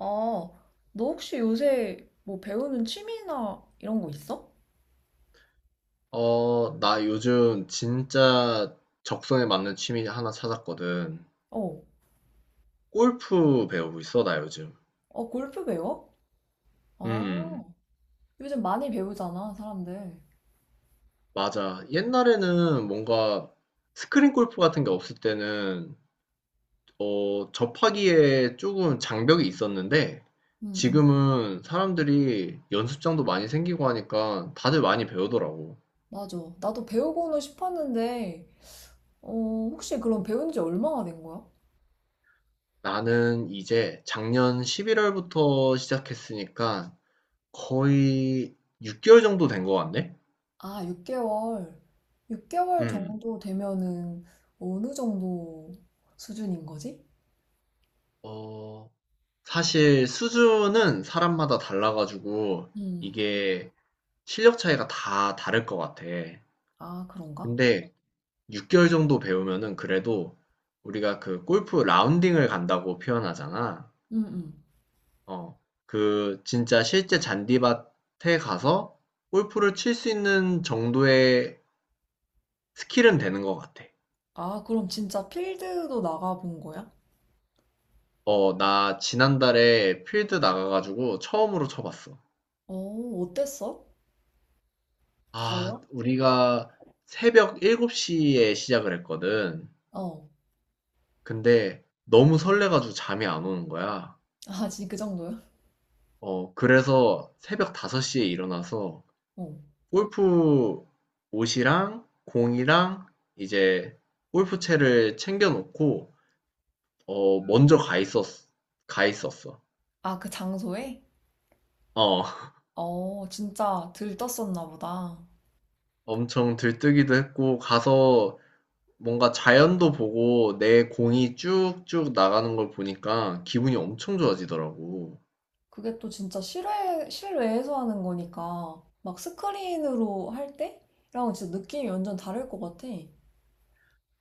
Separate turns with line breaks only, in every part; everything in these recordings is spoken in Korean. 아, 너 혹시 요새 뭐 배우는 취미나 이런 거 있어?
어, 나 요즘 진짜 적성에 맞는 취미 하나 찾았거든.
어,
골프 배우고 있어, 나 요즘.
어, 골프 배워?
음,
아, 요즘 많이 배우잖아, 사람들.
맞아. 옛날에는 뭔가 스크린 골프 같은 게 없을 때는, 접하기에 조금 장벽이 있었는데,
응, 응,
지금은 사람들이 연습장도 많이 생기고 하니까 다들 많이 배우더라고.
맞아. 나도 배우고는 싶었는데, 어, 혹시 그럼 배운 지 얼마나 된 거야?
나는 이제 작년 11월부터 시작했으니까 거의 6개월 정도 된 것 같네?
아, 6개월. 6개월
음.
정도 되면은 어느 정도 수준인 거지?
어, 사실 수준은 사람마다 달라 가지고
음,
이게 실력 차이가 다 다를 것 같아.
아, 그런가?
근데 6개월 정도 배우면은 그래도 우리가 그 골프 라운딩을 간다고 표현하잖아.
응, 응.
어, 그 진짜 실제 잔디밭에 가서 골프를 칠 수 있는 정도의 스킬은 되는 것 같아.
아, 그럼 진짜 필드도 나가본 거야?
어, 나 지난달에 필드 나가가지고 처음으로 쳐봤어.
어, 어땠어?
아
달라?
우리가 새벽 7곱시에 시작을 했거든.
어.
근데 너무 설레 가지고 잠이 안 오는 거야.
아, 진짜 그 정도요?
어 그래서 새벽 5섯시에 일어나서
어.
골프 옷이랑 공이랑 이제 골프채를 챙겨 놓고 먼저 가 있었어.
아, 그 장소에?
어.
어, 진짜 들떴었나 보다.
엄청 들뜨기도 했고 가서 뭔가 자연도 보고 내 공이 쭉쭉 나가는 걸 보니까 기분이 엄청 좋아지더라고.
그게 또 진짜 실외에서 하는 거니까, 막 스크린으로 할 때랑 진짜 느낌이 완전 다를 것 같아.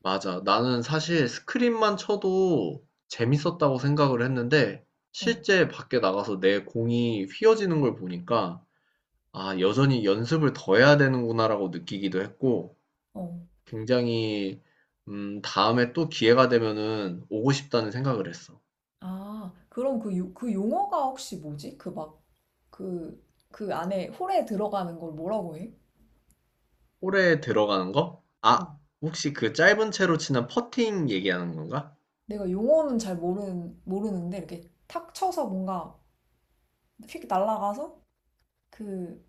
맞아. 나는 사실 스크린만 쳐도 재밌었다고 생각을 했는데,
어,
실제 밖에 나가서 내 공이 휘어지는 걸 보니까, 아, 여전히 연습을 더 해야 되는구나라고 느끼기도 했고,
어.
굉장히, 다음에 또 기회가 되면은 오고 싶다는 생각을 했어.
아, 그럼 그, 그 용어가 혹시 뭐지? 그 막, 그, 그 안에 홀에 들어가는 걸 뭐라고 해?
홀에 들어가는 거?
어.
아, 혹시 그 짧은 채로 치는 퍼팅 얘기하는 건가?
내가 용어는 잘 모르는데, 이렇게 탁 쳐서 뭔가 휙 날아가서 그,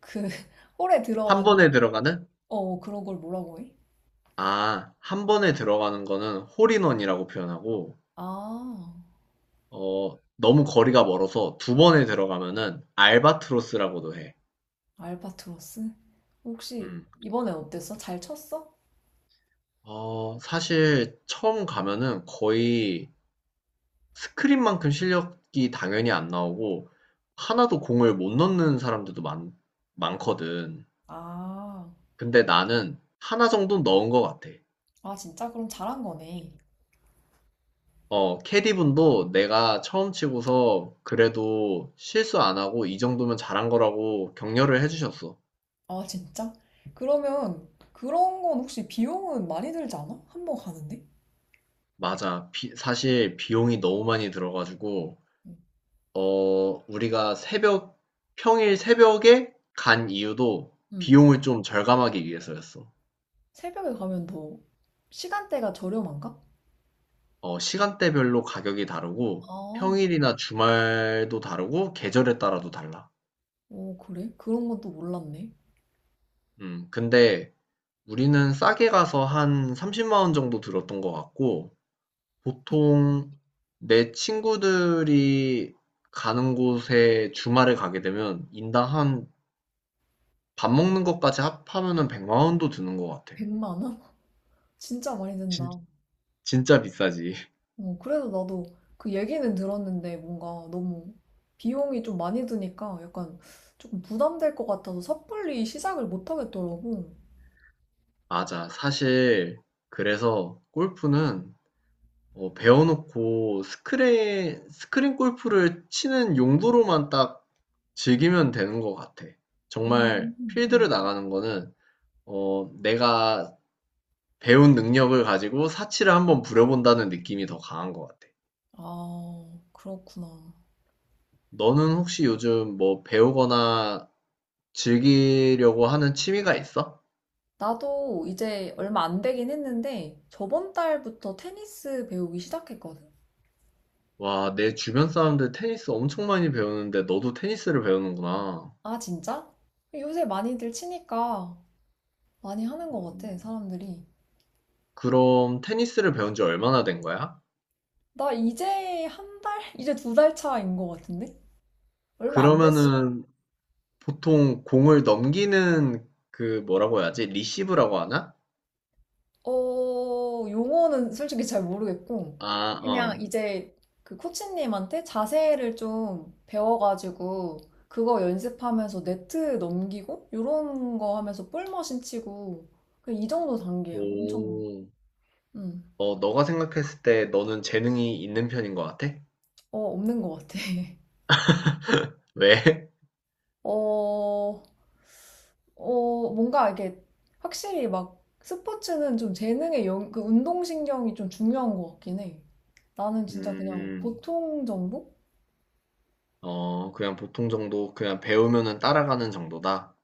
그, 홀에
한
들어가는
번에 들어가는?
어, 그런 걸 뭐라고 해?
아, 한 번에 들어가는 거는 홀인원이라고 표현하고,
아,
너무 거리가 멀어서 두 번에 들어가면은 알바트로스라고도 해.
알바트로스? 혹시
음.
이번엔 어땠어? 잘 쳤어?
어 사실 처음 가면은 거의 스크린만큼 실력이 당연히 안 나오고 하나도 공을 못 넣는 사람들도 많 많거든.
아,
근데 나는 하나 정도는 넣은 것 같아.
아, 진짜? 그럼 잘한 거네.
어 캐디분도 내가 처음 치고서 그래도 실수 안 하고 이 정도면 잘한 거라고 격려를 해 주셨어.
아, 진짜? 그러면 그런 건 혹시 비용은 많이 들지 않아? 한번 가는데?
맞아. 비 사실 비용이 너무 많이 들어 가지고 우리가 새벽 평일 새벽에 간 이유도
응.
비용을 좀 절감하기 위해서였어.
새벽에 가면 더 시간대가 저렴한가?
어 시간대별로 가격이 다르고
아,
평일이나 주말도 다르고 계절에 따라도 달라.
오, 그래? 그런 건 또 몰랐네.
근데 우리는 싸게 가서 한 30만 원 정도 들었던 것 같고
이-
보통 내 친구들이 가는 곳에 주말에 가게 되면 인당 한 밥 먹는 것까지 합하면은 100만 원도 드는 것 같아.
백0 0만 원? 진짜 많이
진,
든다.
진짜 비싸지.
어, 그래서 나도 그 얘기는 들었는데 뭔가 너무 비용이 좀 많이 드니까 약간 조금 부담될 것 같아서 섣불리 시작을 못 하겠더라고.
맞아. 사실 그래서 골프는 배워놓고 스크린 골프를 치는 용도로만 딱 즐기면 되는 것 같아.
음.
정말
음.
필드를 나가는 거는 내가 배운 능력을 가지고 사치를 한번 부려본다는 느낌이 더 강한 것 같아.
아, 그렇구나.
너는 혹시 요즘 뭐 배우거나 즐기려고 하는 취미가 있어?
나도 이제 얼마 안 되긴 했는데 저번 달부터 테니스 배우기 시작했거든.
와, 내 주변 사람들 테니스 엄청 많이 배우는데 너도 테니스를 배우는구나.
아, 진짜? 요새 많이들 치니까 많이 하는 것 같아,
음.
사람들이.
그럼 테니스를 배운 지 얼마나 된 거야?
나 이제 한 달? 이제 두 달 차인 것 같은데? 얼마 안 됐 어
그러면은 보통 공을 넘기는 그 뭐라고 해야지? 리시브라고 하나?
어, 용어는 솔직히 잘 모르겠고,
아,
그냥
어.
이제 그 코치님한테 자세를 좀 배워가지고, 그거 연습하면서 네트 넘기고, 요런 거 하면서 볼머신 치고, 그냥 이 정도 단계야.
오.
음,
너가 생각했을 때 너는 재능이 있는 편인 것 같아?
어, 없는 것 같아.
왜?
어, 어, 뭔가 이게 확실히 막 스포츠는 좀 재능의 그 운동신경이 좀 중요한 것 같긴 해. 나는 진짜 그냥
음,
보통 정도?
그냥 보통 정도, 그냥 배우면은 따라가는 정도다.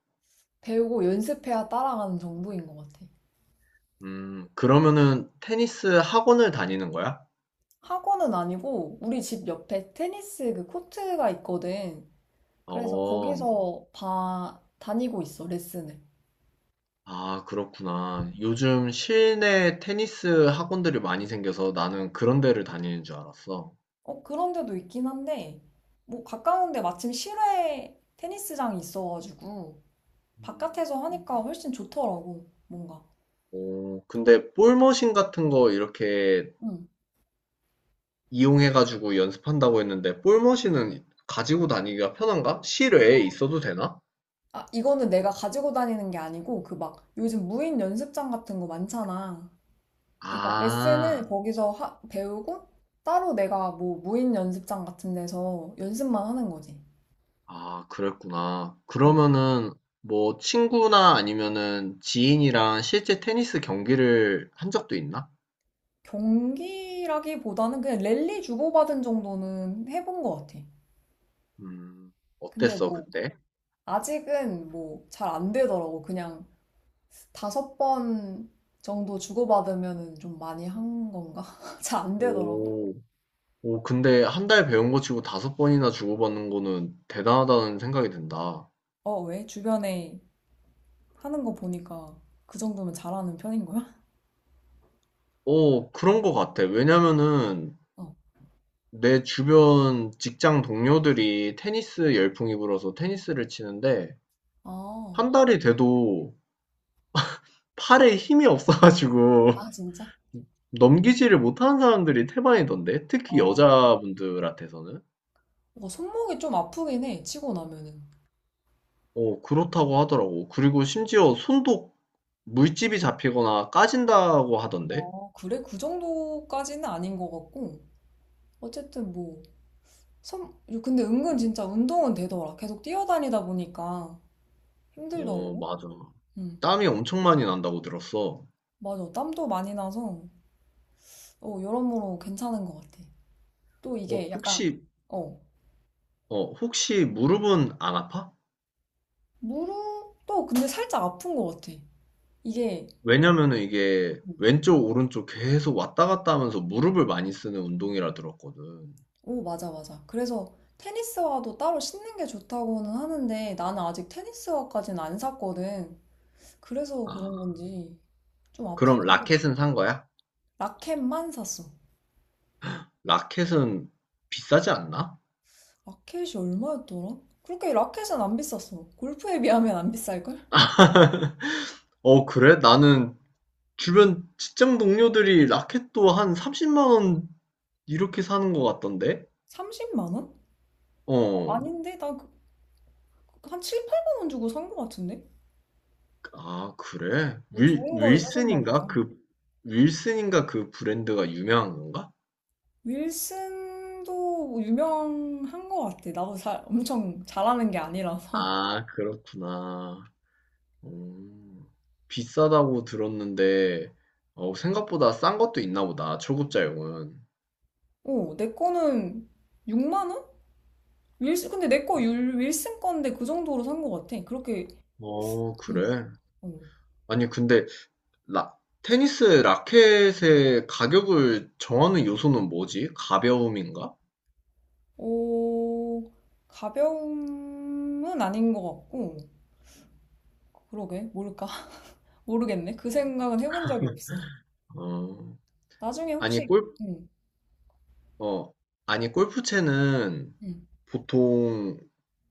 배우고 연습해야 따라가는 정도인 것 같아.
그러면은 테니스 학원을 다니는 거야?
학원은 아니고 우리 집 옆에 테니스 그 코트가 있거든. 그래서
어,
거기서 다니고 있어, 레슨을.
아, 그렇구나. 요즘 실내 테니스 학원들이 많이 생겨서 나는 그런 데를 다니는 줄 알았어.
어, 그런 데도 있긴 한데, 뭐 가까운데 마침 실외 테니스장이 있어가지고
음,
바깥에서 하니까 훨씬 좋더라고, 뭔가.
오, 근데 볼머신 같은 거 이렇게
응.
이용해가지고 연습한다고 했는데, 볼머신은 가지고 다니기가 편한가? 실외에 있어도 되나?
아, 이거는 내가 가지고 다니는 게 아니고 그 막 요즘 무인 연습장 같은 거 많잖아. 그러니까 레슨은
아,
거기서 배우고 따로 내가 뭐 무인 연습장 같은 데서 연습만 하는 거지.
아, 그랬구나.
어.
그러면은 뭐 친구나 아니면은 지인이랑 실제 테니스 경기를 한 적도 있나?
경기라기보다는 그냥 랠리 주고받은 정도는 해본 것 같아.
음,
근데
어땠어,
뭐
그때?
아직은 뭐 잘 안 되더라고. 그냥 5번 정도 주고받으면은 좀 많이 한 건가? 잘 안 되더라고.
오. 오, 근데 한 달 배운 거 치고 다섯 번이나 주고받는 거는 대단하다는 생각이 든다.
어, 왜? 주변에 하는 거 보니까 그 정도면 잘하는 편인 거야?
오, 그런 거 같아. 왜냐면은
어.
내 주변 직장 동료들이 테니스 열풍이 불어서 테니스를 치는데
아,
한 달이 돼도 팔에 힘이 없어가지고
아 진짜?
넘기지를 못하는 사람들이 태반이던데. 특히
아.
여자분들한테서는.
뭔가 손목이 좀 아프긴 해, 치고 나면은.
오, 그렇다고 하더라고. 그리고 심지어 손도 물집이 잡히거나 까진다고 하던데.
아, 그래? 그 정도까지는 아닌 것 같고. 어쨌든 뭐, 손 근데 은근 진짜 운동은 되더라. 계속 뛰어다니다 보니까
어,
힘들더라고.
맞아.
응.
땀이 엄청 많이 난다고 들었어.
맞아. 땀도 많이 나서, 어, 여러모로 괜찮은 것 같아. 또
어,
이게 약간,
혹시,
어,
혹시 무릎은 안 아파?
무릎도 근데 살짝 아픈 것 같아. 이게,
왜냐면은 이게
음,
왼쪽, 오른쪽 계속 왔다 갔다 하면서 무릎을 많이 쓰는 운동이라 들었거든.
오, 맞아, 맞아. 그래서 테니스화도 따로 신는 게 좋다고는 하는데, 나는 아직 테니스화까지는 안 샀거든. 그래서 그런
아,
건지 좀 아프긴
그럼
하더라고.
라켓은 산 거야?
라켓만 샀어.
라켓은 비싸지 않나?
라켓이 얼마였더라? 그렇게 라켓은 안 비쌌어. 골프에 비하면 안 비쌀걸?
어, 그래? 나는 주변 직장 동료들이 라켓도 한 30만 원 이렇게 사는 것 같던데?
30만 원?
어,
아닌데? 나 그, 한 7, 8만 원 주고 산거 같은데?
아, 그래?
뭐
윌,
좋은 걸 사셨나
윌슨인가?
보다.
그, 윌슨인가 그 브랜드가 유명한 건가?
윌슨도 뭐 유명한 거 같아. 나도 잘, 엄청 잘하는 게 아니라서.
아, 그렇구나. 음, 비싸다고 들었는데, 생각보다 싼 것도 있나 보다, 초급자용은.
어, 내 거는 6만 원? 윌슨, 근데 내 거 윌슨 건데 그 정도로 산거 같아. 그렇게,
어,
응.
그래?
어.
아니, 근데, 라, 테니스 라켓의 가격을 정하는 요소는 뭐지? 가벼움인가?
오, 가벼움은 아닌 것 같고, 그러게, 모를까? 모르겠네. 그 생각은 해본 적이 없어.
어,
나중에
아니,
혹시,
골,
응,
어, 아니, 골프채는
응.
보통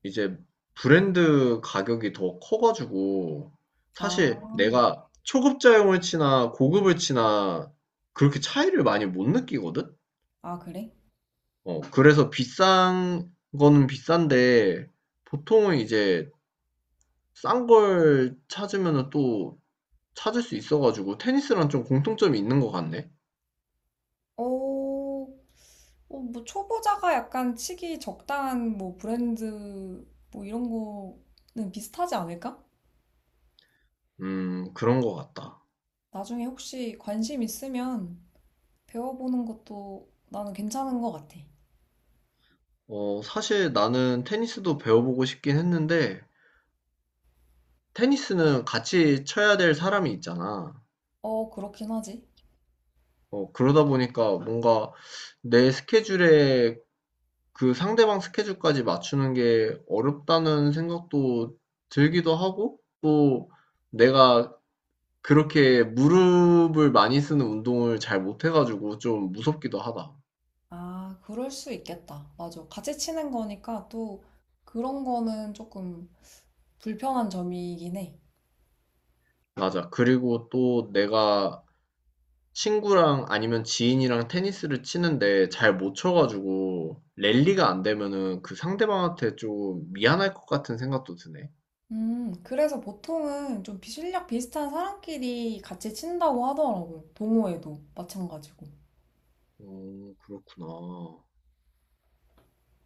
이제 브랜드 가격이 더 커가지고,
아,
사실 내가 초급자용을 치나 고급을 치나 그렇게 차이를 많이 못 느끼거든?
아, 그래?
그래서 비싼 거는 비싼데, 보통은 이제 싼 걸 찾으면 또 찾을 수 있어가지고, 테니스랑 좀 공통점이 있는 것 같네?
어, 어, 뭐, 초보자가 약간 치기 적당한 뭐, 브랜드, 뭐, 이런 거는 비슷하지 않을까?
그런 것 같다.
나중에 혹시 관심 있으면 배워보는 것도 나는 괜찮은 것 같아.
어, 사실 나는 테니스도 배워보고 싶긴 했는데, 테니스는 같이 쳐야 될 사람이 있잖아.
어, 그렇긴 하지.
그러다 보니까 뭔가 내 스케줄에 그 상대방 스케줄까지 맞추는 게 어렵다는 생각도 들기도 하고, 또 내가 그렇게 무릎을 많이 쓰는 운동을 잘 못해가지고 좀 무섭기도 하다.
아, 그럴 수 있겠다. 맞아. 같이 치는 거니까 또 그런 거는 조금 불편한 점이긴 해.
맞아. 그리고 또 내가 친구랑 아니면 지인이랑 테니스를 치는데 잘 못 쳐가지고 랠리가 안 되면은 그 상대방한테 좀 미안할 것 같은 생각도 드네.
그래서 보통은 좀 실력 비슷한 사람끼리 같이 친다고 하더라고. 동호회도 마찬가지고.
어, 그렇구나.